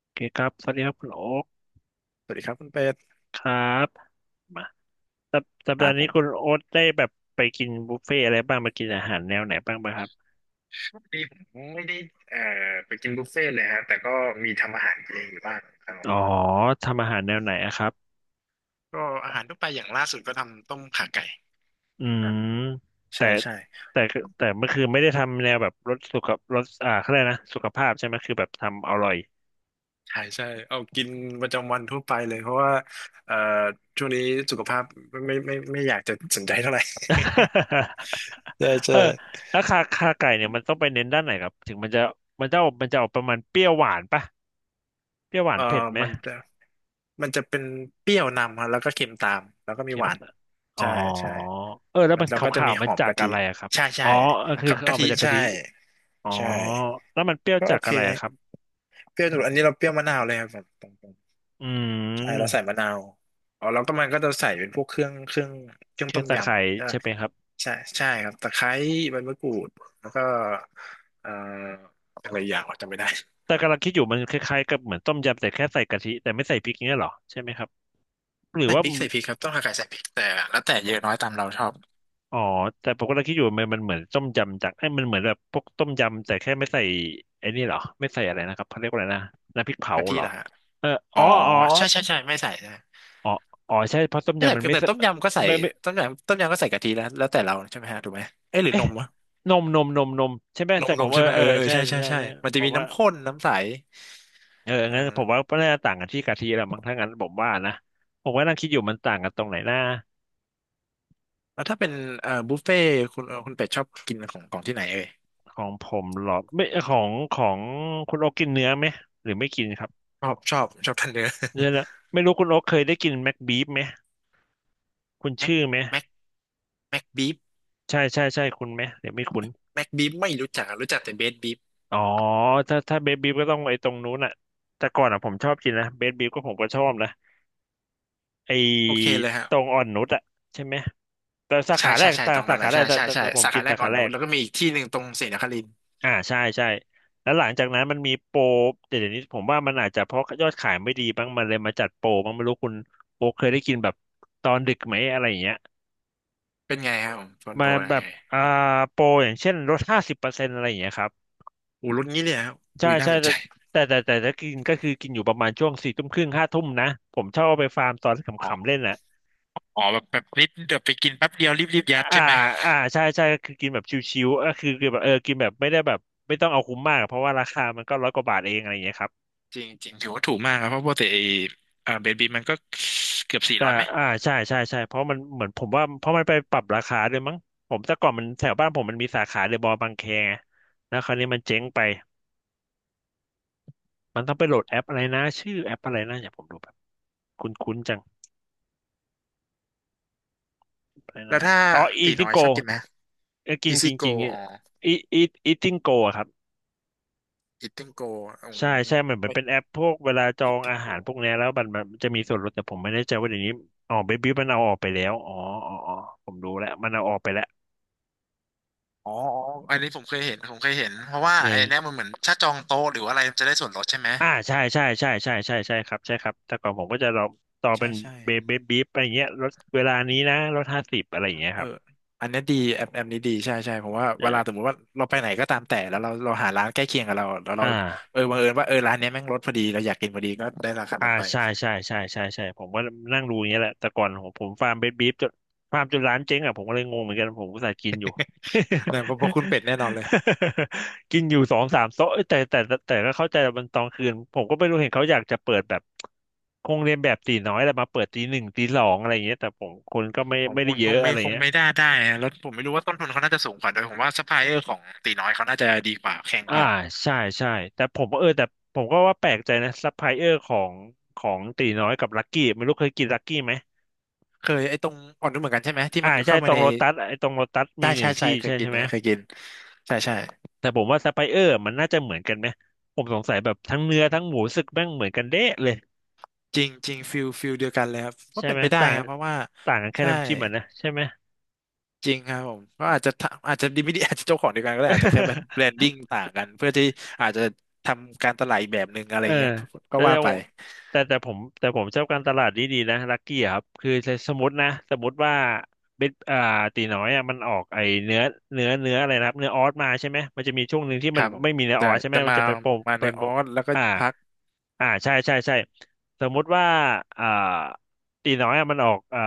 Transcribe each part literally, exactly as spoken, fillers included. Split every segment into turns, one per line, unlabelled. โอเคครับสวัสดีครับคุณโอ๊ค
สวัสดีครับคุณเป็ด
ครับมาสัปสัป
ค
ดา
รับ
ห์
ผ
นี้
ม
คุณโอ๊ตได้แบบไปกินบุฟเฟ่อะไรบ้างไปกินอาหารแนวไหนบ้างไหมครับ
ช่วงนี้ผมไม่ได้เอ่อไปกินบุฟเฟ่ต์เลยฮะแต่ก็มีทำอาหารเองอยู่บ้างครับผม
อ๋อทำอาหารแนวไหนอะครับ
ก็อาหารทั่วไปอย่างล่าสุดก็ทำต้มข่าไก่
อื
ฮะ
ม
ใช่
แต่
ใช่
แต่คือแต่เมื่อคืนไม่ได้ทำแนวแบบรสสุขรสอ่าเขาเรียกนะสุขภาพใช่ไหมคือแบบทำอร่อย
ใช่ใช่เอากินประจำวันทั่วไปเลยเพราะว่าเอ่อช่วงนี้สุขภาพไม่ไม่ไม่ไม่อยากจะสนใจเท่าไหร่ ใช่
เอ
ใช่
อแล้วคาคาไก่เนี่ยมันต้องไปเน้นด้านไหนครับถึงมันจะมันจะออกมันจะออกประมาณเปรี้ยวหวานปะเปรี้ยวหวาน
เอ่อ
เผ็ดไหม
มันจะมันจะเป็นเปรี้ยวนำฮะแล้วก็เค็มตามแล้วก็มี
เข้
ห
ม
วาน
ส้นอ๋อ
ใช่ใช่
เออแล้ว
มัน
มัน
แล้
ข
วก็จะ
าว
มี
ๆ
ห
มา
อม
จาก
กะทิ
อะไรอะครับ
ใช่
อ๋
ใช่
อเออคือคือ
กะ
เอา
ทิ
มาจากกะ
ใช่
ทิอ๋อ
ใช่
แล้วมันเปรี้ยว
ก็
จา
โอ
ก
เค
อะไรอะครับ
เปรี้ยวสุดอันนี้เราเปรี้ยวมะนาวเลยครับผมตรง
อื
ๆใช่เราใส่
ม
มะนาวอ๋อแล้วก็มันก็จะใส่เป็นพวกเครื่องเครื่องเครื่อ
เค
ง
รื่อ
ต้
ง
ม
ตะ
ย
ไคร้
ำใช่
ใช่ไหมครับ
ใช่ใช่ครับตะไคร้ใบมะกรูดแล้วก็เอ่ออะไรอย่างวะจำไม่ได้
แต่กำลังคิดอยู่มันคล้ายๆกับเหมือนต้มยำแต่แค่ใส่กะทิแต่ไม่ใส่พริกเนี้ยเหรอใช่ไหมครับ หรือ
ใส่พ
ว่า
ริกใส่พริกครับต้องหักไก่ใส่พริกแต่แล้วแต่เยอะน้อยตามเราชอบ
อ๋อแต่ผมกำลังคิดอยู่มันมันเหมือนต้มยำจากไอ้ยมันเหมือนแบบพวกต้มยำแต่แค่ไม่ใส่ไอ้นี่เหรอไม่ใส่อะไรนะครับเขาเรียกว่าอะไรนะน้ำพริกเผา
กะทิ
เหรอ
เหรอฮะ
เออ
อ๋
อ๋
อ
ออ๋อ
ใช่ใช่ใช่ไม่ใส่นะ
อ๋ออ๋อใช่เพราะต้ม
ไม่ใช่
ยำมัน
แต่
ไม่
แต
ใส่
ต้มยำก็ใส่
ไม่
ต้มยำต้มยำก็ใส่กะทิแล้วแล้วแต่เราใช่ไหมฮะถูกไหมเอ้ยหรือ
ไม่
นมวะ
นมนมนมนมใช่ไหม
น
แต่
มน
ผ
ม
มเอ
ใช่
อ
ไหม
เอ
เอ
อ
อเออ
ใช่
ใช่ใช่
ใช่
ใช่
ใช่ใช่
มันจะ
ผ
มี
มว่า
น้ำข้นน้ำใส
เออ
เอ
งั้นผ
อ
มว่าก็น่าจะต่างกันที่กะทิแหละมั้งถ้างั้นผมว่านะผมก็นั่งคิดอยู่มันต่างกันตรงไหนนะ
แล้วถ้าเป็นเอ่อบุฟเฟ่ต์คุณเอ่อคุณเป็ดชอบกินของของที่ไหนเอ่ย
ของผมเหรอไม่ของของคุณโอ๊กกินเนื้อไหมหรือไม่กินครับ
ชอบชอบชอบทันเนอร์
เนื้อ ละไม่รู้คุณโอ๊กเคยได้กินแม็กบีฟไหมคุณ
แม็ก
ชื่อไหม
แม็กแม็กบีฟ
ใช่ใช่ใช่คุณไหมหรือไม่คุณ
แม็กบีฟไม่รู้จักรู้จักแต่เบสบีฟ
อ๋อถ้าถ้าเบสบีฟก็ต้องไอ้ตรงนู้นน่ะแต่ก่อนอ่ะผมชอบกินนะเบสบีฟก็ผมก็ชอบนะ ไอ้
โอเคเลยฮะ
ตรงอ่อนนุชอะใช่ไหมแต่สา
ใช่
ขาแร
ใช่
ก
ใช่
แต่
ตรง
สา
นั้นแห
ขา
ละ
แร
ใช่
กแต่
ใช่
แต่
ใช่
แต่ผม
สา
กิ
ขา
น
แร
สา
กอ่
ขา
อน
แร
นุช
ก
แล้วก็มีอีกที่หนึ่งตรงศรีนครินทร์
อ่าใช่ใช่แล้วหลังจากนั้นมันมีโปรแต่เดี๋ยวนี้ผมว่ามันอาจจะเพราะยอดขายไม่ดีบ้างมันเลยมาจัดโปรบ้างไม่รู้คุณโปรเคยได้กินแบบตอนดึกไหมอะไรอย่างเงี้ย
เป็นไงครับผมโซน
มา
โปรอะไร
แบบอ่า
อ
โปรอย่างเช่นลดห้าสิบเปอร์เซ็นต์อะไรอย่างเงี้ยครับ
ูรุ่นนี้เลยครับ
ใช่
อุ้ยน่า
ใช่
สนใจ
แต่แต่แต่แต่ถ้ากินก็คือกินอยู่ประมาณช่วงสี่ทุ่มครึ่งห้าทุ่มนะผมชอบเอาไปฟาร์มตอนข
อ๋
ำๆ
อ
เล่นแหละ
อ๋อแบบแบบนิดเดี๋ยวไปกินแป๊บเดียวรีบรีบยัด
อ่า
ใช่ไหม
อ่าใช่ใช่ก็คือกินแบบชิวๆเออคือคือแบบเออกินแบบไม่ได้แบบไม่ต้องเอาคุ้มมากเพราะว่าราคามันก็ร้อยกว่าบาทเองอะไรอย่างเงี้ยครับ
จริงจริงถือว่าถูกมากครับเพราะปกติไอ้เอ่อเบสบีมันก็เกือบสี่
แต่
ร้อยไหม
อ่าใช่ใช่ใช่เพราะมันเหมือนผมว่าเพราะมันไปปรับราคาด้วยมั้งผมแต่ก่อนมันแถวบ้านผมมันมีสาขาเดอะมอลล์บางแคไงแล้วคราวนี้มันเจ๊งไปมันต้องไปโหลดแอปอะไรนะชื่อแอปอะไรนะอย่าผมดูแบบคุ้นๆจังอะไร
แล้ว
นะ
ถ้า
อ๋ออี
ตี
ทิ
น้
ง
อย
โก
ชอบกินไหม
กิน
อี
กิ
ซี่
น
โก
กินอ
อ๋อ
ีอีอีทิงโกครับ
Eating Go อื
ใช่
ม
ใช่เหมือนมัน
ไม่
เป็นแอปพวกเวลาจองอา
Eating
หาร
Go
พวกเนี้ยแล้วมันมันจะมีส่วนลดแต่ผมไม่แน่ใจว่าเดี๋ยวนี้อ๋อเบบี้มันเอาออกไปแล้วอ๋ออ๋ออ๋อผมรู้แล้วมันเอาออกไปแล้ว
อ๋ออ๋ออันนี้ผมเคยเห็น ผมเคยเห็น เพราะว่าไอ้เนี่
เออ
ยมันเหมือนถ้าจองโต๊ะหรือว่าอะไรมันจะได้ส่วนลดใช่ไหม
อ่าใช่ใช่ใช่ใช่ใช่ใช่ครับใช่ครับแต่ก่อนผมก็จะรอต่อเป็
ใช่
น
ใช่
เบบี้บีอะไรเงี้ยลดเวลานี้นะลดห้าสิบอะไรอย่างเงี้ย
เอ
ค
อ
รับ
อันเนี้ยดีแอปแอปนี้ดีใช่ใช่ผมว่า
เอ
เวลาสมม
อ
ติว่าเราไปไหนก็ตามแต่แล้วเราเราหาร้านใกล้เคียงกับเราแล้วเรา
อ่า
เออบังเอิญว่าเออร้านเนี้ยแม่งลดพอดีเราอยากกินพอดีก็ได้ราคา
อ่า
ลดไป
ใช่ใช่ใช่ใช่ใช่ผมก็นั่งดูอย่างเงี้ยแหละแต่ก่อนผมผมฟาร์มเบสบีฟจนฟาร์มจนร้านเจ๊งอ่ะผมก็เลยงงเหมือนกันผมก็สายกินอยู่
เนี่ยเพราะเพราะคุณเป็ดแน่นอนเลย
กินอยู่สองสามโต๊ะเอ้ยแต่แต่แต่แต่ก็เข้าใจว่ามันตอนคืนผมก็ไม่รู้เห็นเขาอยากจะเปิดแบบคงเรียนแบบตีน้อยแต่มาเปิดตีหนึ่งตีสองอะไรอย่างเงี้ยแต่ผมคนก็ไม่
ของ
ไม่
คุ
ได้
ณ
เย
ค
อะ
ง
อะ
ไม่
ไร
คง
เงี้ย
ไม่ได้ได้นะแล้วผมไม่รู้ว่าต้นทุนเขาน่าจะสูงกว่าด้วยผมว่าซัพพลายเออร์ของตีน้อยเขาน่าจะดีกว่าแข่ง
อ่า
กว่า
ใช่ใช่แต่ผมเออแต่ผมก็ว่าแปลกใจนะซัพพลายเออร์ของของตีน้อยกับลักกี้ไม่รู้เคยกินลักกี้ไหม
เคยไอ้ตรงอ่อนนุ่มเหมือนกันใช่ไหมที่
อ่า
มันอยู่
ใช่
เข้า
ต
มา
รง
ใน
โลตัสไอ้ตรงโลตัสมี
ได้
หนึ่
ใช่
ง
ใช่
ที่
เค
ใช่
ยกิ
ใช่
น
ไหม
นะเคยกินใช่ใช่
แต่ผมว่าซัพพลายเออร์มันน่าจะเหมือนกันไหมผมสงสัยแบบทั้งเนื้อทั้งหมูสึกแม่งเหมือนกันเด๊ะเลย
จริงจริงฟิลฟิลเดียวกันเลยครับว่า
ใช่
เป็น
ไหม
ไปได้
ต่าง
ครับเพราะว่า
ต่างกันแค่
ใช่
น้ำจิ้มอ่ะนะใช่ไหม
จริงครับผมก็อาจจะทำอาจจะดีไม่ดี อาจจะเจ้าของเดียวกันก็ได้อาจจะแค่แบบแบรนดิ้ง ต่างกันเพื่อที่อาจจะทำการตลาดอีกแบบหนึ่งอะไร
เออ
เงี้ยก็
แต่
ว่า
แต่ผ
ไป
มแต่แต่ผมแต่ผมชอบการตลาดดีๆนะลักกี้ครับคือสมมตินะสมมติว่าเบ็ดอ่าตีน้อยอ่ะมันออกไอเนื้อเนื้อเนื้ออะไรนะครับเนื้อออสมาใช่ไหมมันจะมีช่วงหนึ่งที่
ค
มัน
รับผม
ไม่มีเนื้ออ
แต่
อสใช่ไหม
แต่
มัน
มา
จะไปโปร
มา
เป็
ใน
น
อ
โปร
อสแล้วก็
อ่า
พัก
อ่าใช่ใช่ใช่สมมุติว่าอ่าตีน้อยอะมันออกอ่า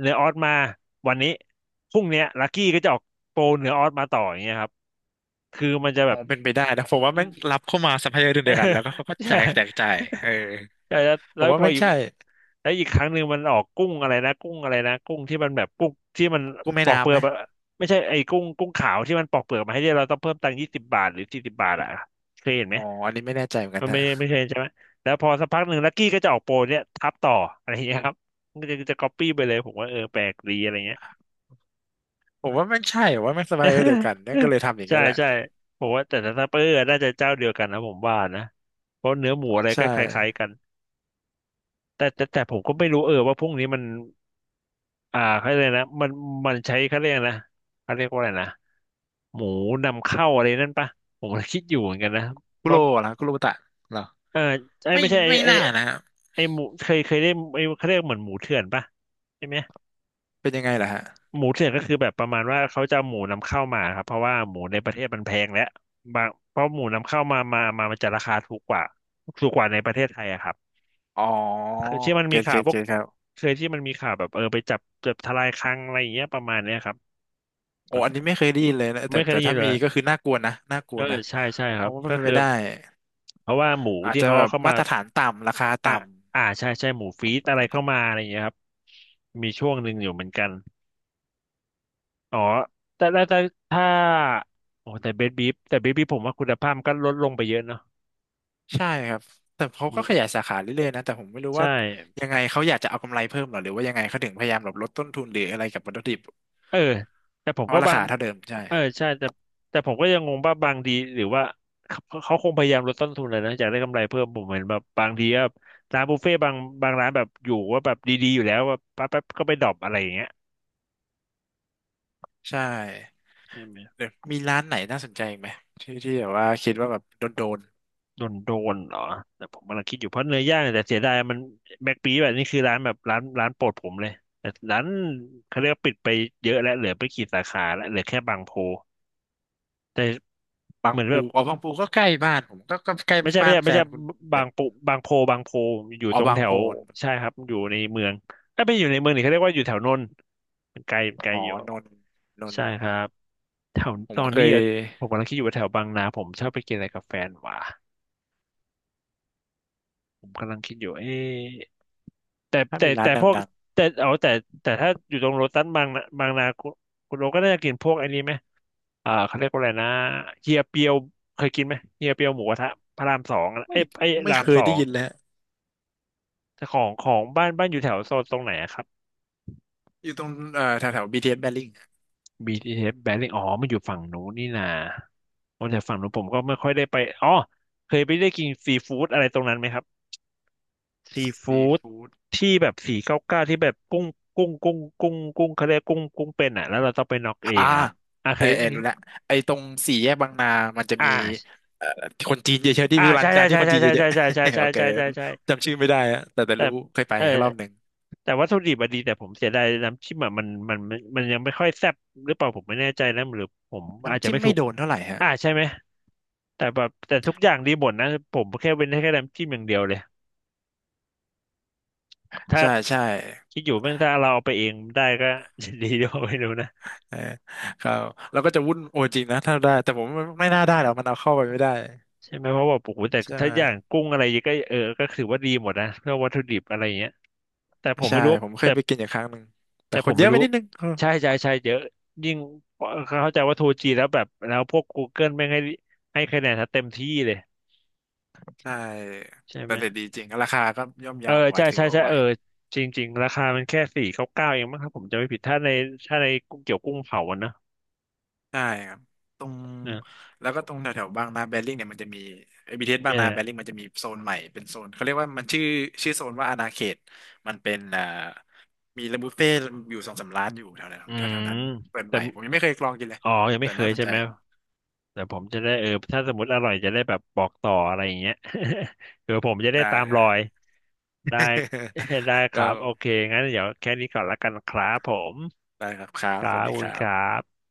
เนื้อออสมาวันนี้พรุ่งเนี้ยลักกี้ก็จะออกโปรเนื้อออสมาต่ออย่างเงี้ยครับคือมันจะแบ
อ๋อ
บ
เป็นไปได้นะผมว่าแม่งรับเข้ามาซัพพลายเออร์เดียวกันแล้วก็เขาก็ แจ
ใช่
กแจกจ่ายเออ
ใช่แล้ว
ผ
แล้ว
มว่า
พอ
ไม่ง
อีก
ใช่
แล้วอีกครั้งหนึ่งมันออกกุ้งอะไรนะกุ้งอะไรนะกุ้งที่มันแบบกุ้งที่มัน
กู้แม่
ปอกเป
น้ำ
ลื
ไห
อ
ม
กอะไม่ใช่ไอ้กุ้งกุ้งขาวที่มันปอกเปลือกมาให้เนี่ยเราต้องเพิ่มตังค์ยี่สิบบาทหรือสี่สิบบาทอ่ะเคยเห็นไหม
อ๋ออันนี้ไม่แน่ใจเหมือนกั
มั
น
น
ฮะ
ไม่ไม่เคยเห็นใช่ไหมแล้วพอสักพักหนึ่งลักกี้ก็จะออกโปรเนี่ยทับต่ออะไรอย่างเงี้ยครับมันก็จะจะก๊อปปี้ไปเลยผมว่าเออแปลกดีอะไรเงี้ย
ผมว่าไม่ใช่ผมว่าไม่สบายเดียว กันนั่นก็เลยทำอย่าง
ใช่
เงี้ยแหละ
ใช่ผมว่าแต่ถ้าเปอร์น่าจะเจ้าเดียวกันนะผมว่านะเพราะเนื้อหมูอะไร
ใช่
ก็คล้ายๆกัน แต่แต่แต่ผมก็ไม่รู้เออว่าพวกนี้มันอ่าเขาเรียกอะไรนะมันมันใช้เขาเรียกอะไรนะเขาเรียกว่าอะไรนะหมูนำเข้าอะไรนั่นปะผมก็คิดอยู่เหมือนกันนะ
คุโร
ว่า
เหรอคุโรบุตะเหรอ
เออไอ้
ไม่
ไม่ใช่ไอ้
ไม่
ไอ้
น่านะฮะ
ไอ้หมูเคยเคยได้ไอ้เขาเรียกเหมือนหมูเถื่อนปะใช่ไหม
เป็นยังไงล่ะฮะ
หมูเถื่อนก็คือแบบประมาณว่าเขาจะเอาหมูนำเข้ามาครับเพราะว่าหมูในประเทศมันแพงแล้วบางเพราะหมูนำเข้ามามามามันจะราคาถูกกว่าถูกกว่าในประเทศไทยอะครับ
อ๋อ
เคยที่มัน
เก
มี
ตเก
ข่าว
ต
พว
เก
ก
ตครับ
เคยที่มันมีข่าวแบบเออไปจับจับทลายคลังอะไรอย่างเงี้ยประมาณเนี้ยครับ
โอ้อันนี้ไม่เคยได้ยินเลยนะแต่
ไม่เคย
แต่
ได้ยิ
ถ้า
นเล
มี
ย
ก็คือน่ากลัวนะน่าก
เอ
ลัว
อ
นะ
ใช่ใช่ค
เพ
รั
ราม
บ
ว่า
ก็
เป็น
คื
ไป
อ
ได้
เพราะว่าหมู
อาจ
ที่
จะ
เขา
แบ
เอา
บ
เข้า
มา
มา
ตรฐานต่ำราคา
อ่า
ต่
อ่าใช่ใช่หมูฟีดอะไรเข้ามาอะไรอย่างเงี้ยครับมีช่วงหนึ่งอยู่เหมือนกันอ๋อแต่แต่แต่ถ้าโอ้แต่เบสบีฟแต่เบสบีฟผมว่าคุณภาพมันก็ลดลงไปเยอะเนาะ
ำใช่ครับแต่เขาก็
มัน
ขยายสาขาเรื่อยๆนะแต่ผมไม่รู้
ใช่
ว่ายังไงเขาอยากจะเอากำไรเพิ่มเหรอหรือว่ายังไงเขาถึงพยายามแบบลดต้นทุนหรืออะไรกับวัตถุดิบ
เออแต่ผ
เพ
มก็
ราะรา
บาง
คาเท่าเดิมใช่
เออใช่แต่แต่ผมก็ยังงงว่าบางทีหรือว่าเขาเขาคงพยายามลดต้นทุนเลยนะอยากได้กำไรเพิ่มผมเห็นแบบบางทีก็ร้านบุฟเฟ่ต์บางบางร้านแบบอยู่ว่าแบบดีๆอยู่แล้วแบแป๊บแป๊บก็ไปดรอปอะไรอย่างเงี้ย
ใช่
ใช่ไหม
เดี๋ยวมีร้านไหนน่าสนใจอีกไหมที่ที่แบบว่าคิดว่าแบบโดนโดน
โดนโดนเหรอแต่ผมกำลังคิดอยู่เพราะเนื้อย่างเนี่ยแต่เสียดายมันแบ็คปีแบบนี้คือร้านแบบร้านร้านโปรดผมเลยแต่ร้านเขาเรียกว่าปิดไปเยอะแล้วเหลือไปกี่สาขาแล้วเหลือแค่บางโพแต่
บา
เห
ง
มือนแบ
ปู
บ
อ๋อบางปูก็ใกล้บ้านผมก็ก็ใกล้
ไม่ใช่
บ้า
ไม่
น
ใช่
แฟ
ไม่ใช่
นคุณแบ
บาง
บ
ปูบางโพบางโพอยู่
อ๋อ
ตรง
บา
แถ
งโพ
ว
น
ใช่ครับอยู่ในเมืองถ้าไม่อยู่ในเมืองนี่เขาเรียกว่าอยู่แถวนนท์มันไกลไกล
อ๋อ
อยู่
นนท์นน
ใช่
ท์
ครับแถว
ผ
ต
ม
อน
เค
นี้
ย
อะผมกำลังคิดอยู่ว่าแถวบางนาผมชอบไปกินอะไรกับแฟนวะผมกำลังคิดอยู่เอ๊ะแต่
ถ้า
แต่
มีร้า
แต่
นดั
พวก
ง
แต่เอาแต่แต่ถ้าอยู่ตรงโลตัสบางนาบางนาคุณคุณโอก็น่าจะกินพวกไอ้นี้ไหมอ่าเขาเรียกว่าอะไรนะเฮียเปียวเคยกินไหมเฮียเปียวหมูกระทะพระรามสองอะ
ๆไม่
เอ้ยไอ้ย
ไม่
รา
เค
มส
ย
อ
ได้
ง
ยินแล้ว
แต่ของของบ้านบ้านอยู่แถวโซนตรงไหนอะครับ
อยู่ตรงเอ่อแถวแถว บี ที เอส แบริ่ง
บี ที เอส Battling อ๋อมันอยู่ฝั่งนู้นนี่นาโอ้แต่ฝั่งนู้นผมก็ไม่ค่อยได้ไปอ๋อเคยไปได้กินซีฟู้ดอะไรตรงนั้นไหมครับซี
ซี
ฟู้ด
ฟู้ด
ที่แบบสี่เก้าเก้าที่แบบกุ้งกุ้งกุ้งกุ้งกุ้งเขาเรียกกุ้งกุ้งเป็นอ่ะแล้วเราต้องไปน็อกเอ
อ่า
งอะครับอ่ะเค
เออ
ย
เออรู้ละไอ้ตรงสี่แยกบางนามันจะ
อ่
มี
า
เอ่อคนจีนเยอะๆที่
อ่า
ร้าน
ใช่ใช่
ร้านที่
ใช่
คนจีน
ใช่
เย
ใช่
อะ
ใช่
ๆ
ใช่ ใช่
โอเค
ใช่ใช่ใช่ใช่
จำชื่อไม่ได้อะแต่แต่
แต่
รู้เคยไป
เออ
แค่รอบหนึ่ง
แต่วัตถุดิบอะดีแต่ผมเสียดายน้ำจิ้มอะมันมันมันมันยังไม่ค่อยแซ่บหรือเปล่าผมไม่แน่ใจนะหรือผมอาจ
น้ำ
จะ
จิ้ม
ไม่ถู
ไม่
ก
โดนเท่าไหร่ฮะ
อ่าใช่ไหมแต่แบบแต่ทุกอย่างดีหมดนะผมแค่เว้นให้แค่น้ำจิ้มอย่างเดียวเลยถ้า
ใช่ใช่
คิดอยู่แม่งถ้าเราเอาไปเองได้ก็ ดีด้วยไม่รู้นะ
เออครับแล้วก็จะวุ่นโอจริงนะถ้าได้แต่ผมไม่ไม่น่าได้หรอกมันเอาเข้าไปไม่ได้
ใช่ไหมเพราะว่าโอ้โหแต่
ใช่
ถ้า
ไหม
อย่างกุ้งอะไรก็เออก็ถือว่าดีหมดนะเพื่อวัตถุดิบอะไรเงี้ยแต่ผม
ใช่
ไม่รู้
ผมเค
แต่
ยไปกินอยู่ครั้งหนึ่งแต่
แต่
ค
ผ
น
ม
เย
ไม่
อะไป
รู้
นิดนึงเออ
ใช่ใช่ใช่เยอะยิ่งเข้าใจว่าทูจีนแล้วแบบแล้วพวก Google ไม่งให้ให้คะแนนถ้าเต็มที่เลย
ใช่
ใช่
แต่
ไหม
แต่ดีจริง ราคาก็ย่อม
เออ
เยาไหว
ใช่
ถือ
ใช่
ว่า
ใช่
ไหว
เออจริงๆราคามันแค่สี่เก้าเก้าเองมั้งครับผมจะไม่ผิดถ้าในถ้าในกุ้งเกี่ยวกุ้งเผาอะนะ
ใช่ครับตรง
เนี่ย
แล้วก็ตรงแถวๆบางนาแบริ่งเนี่ยมันจะมีไอบีทีเอสบาง
เนี่ย
นาแบริ่งมันจะมีโซนใหม่เป็นโซนเขาเรียกว่ามันชื่อชื่อโซนว่าอาณาเขตมันเป็นอ่ามีร้านบุฟเฟ่ต์อยู่สองสามร้านอยู่แถว
อื
ๆแถ
ม
วๆนั้นเปิด
แต่
ใหม่ผมยังไม่เคยลองกินเลย
อ๋อยังไม่
แต่
เค
น่า
ย
สน
ใช่
ใจ
ไหม แต่ผมจะได้เออถ้าสมมติอร่อยจะได้แบบบอกต่ออะไรอย่างเงี้ย คือผมจะได้
ได้
ตาม
ได้
รอยได้ ได้ ค
ก็
รับ โอเค งั้นเดี๋ยวแค่นี้ก่อนละกันครับผม
ได้ครับครับ
ครั
สวัส
บข
ดี
อบคุ
ค
ณ
รั
ครั
บ
บ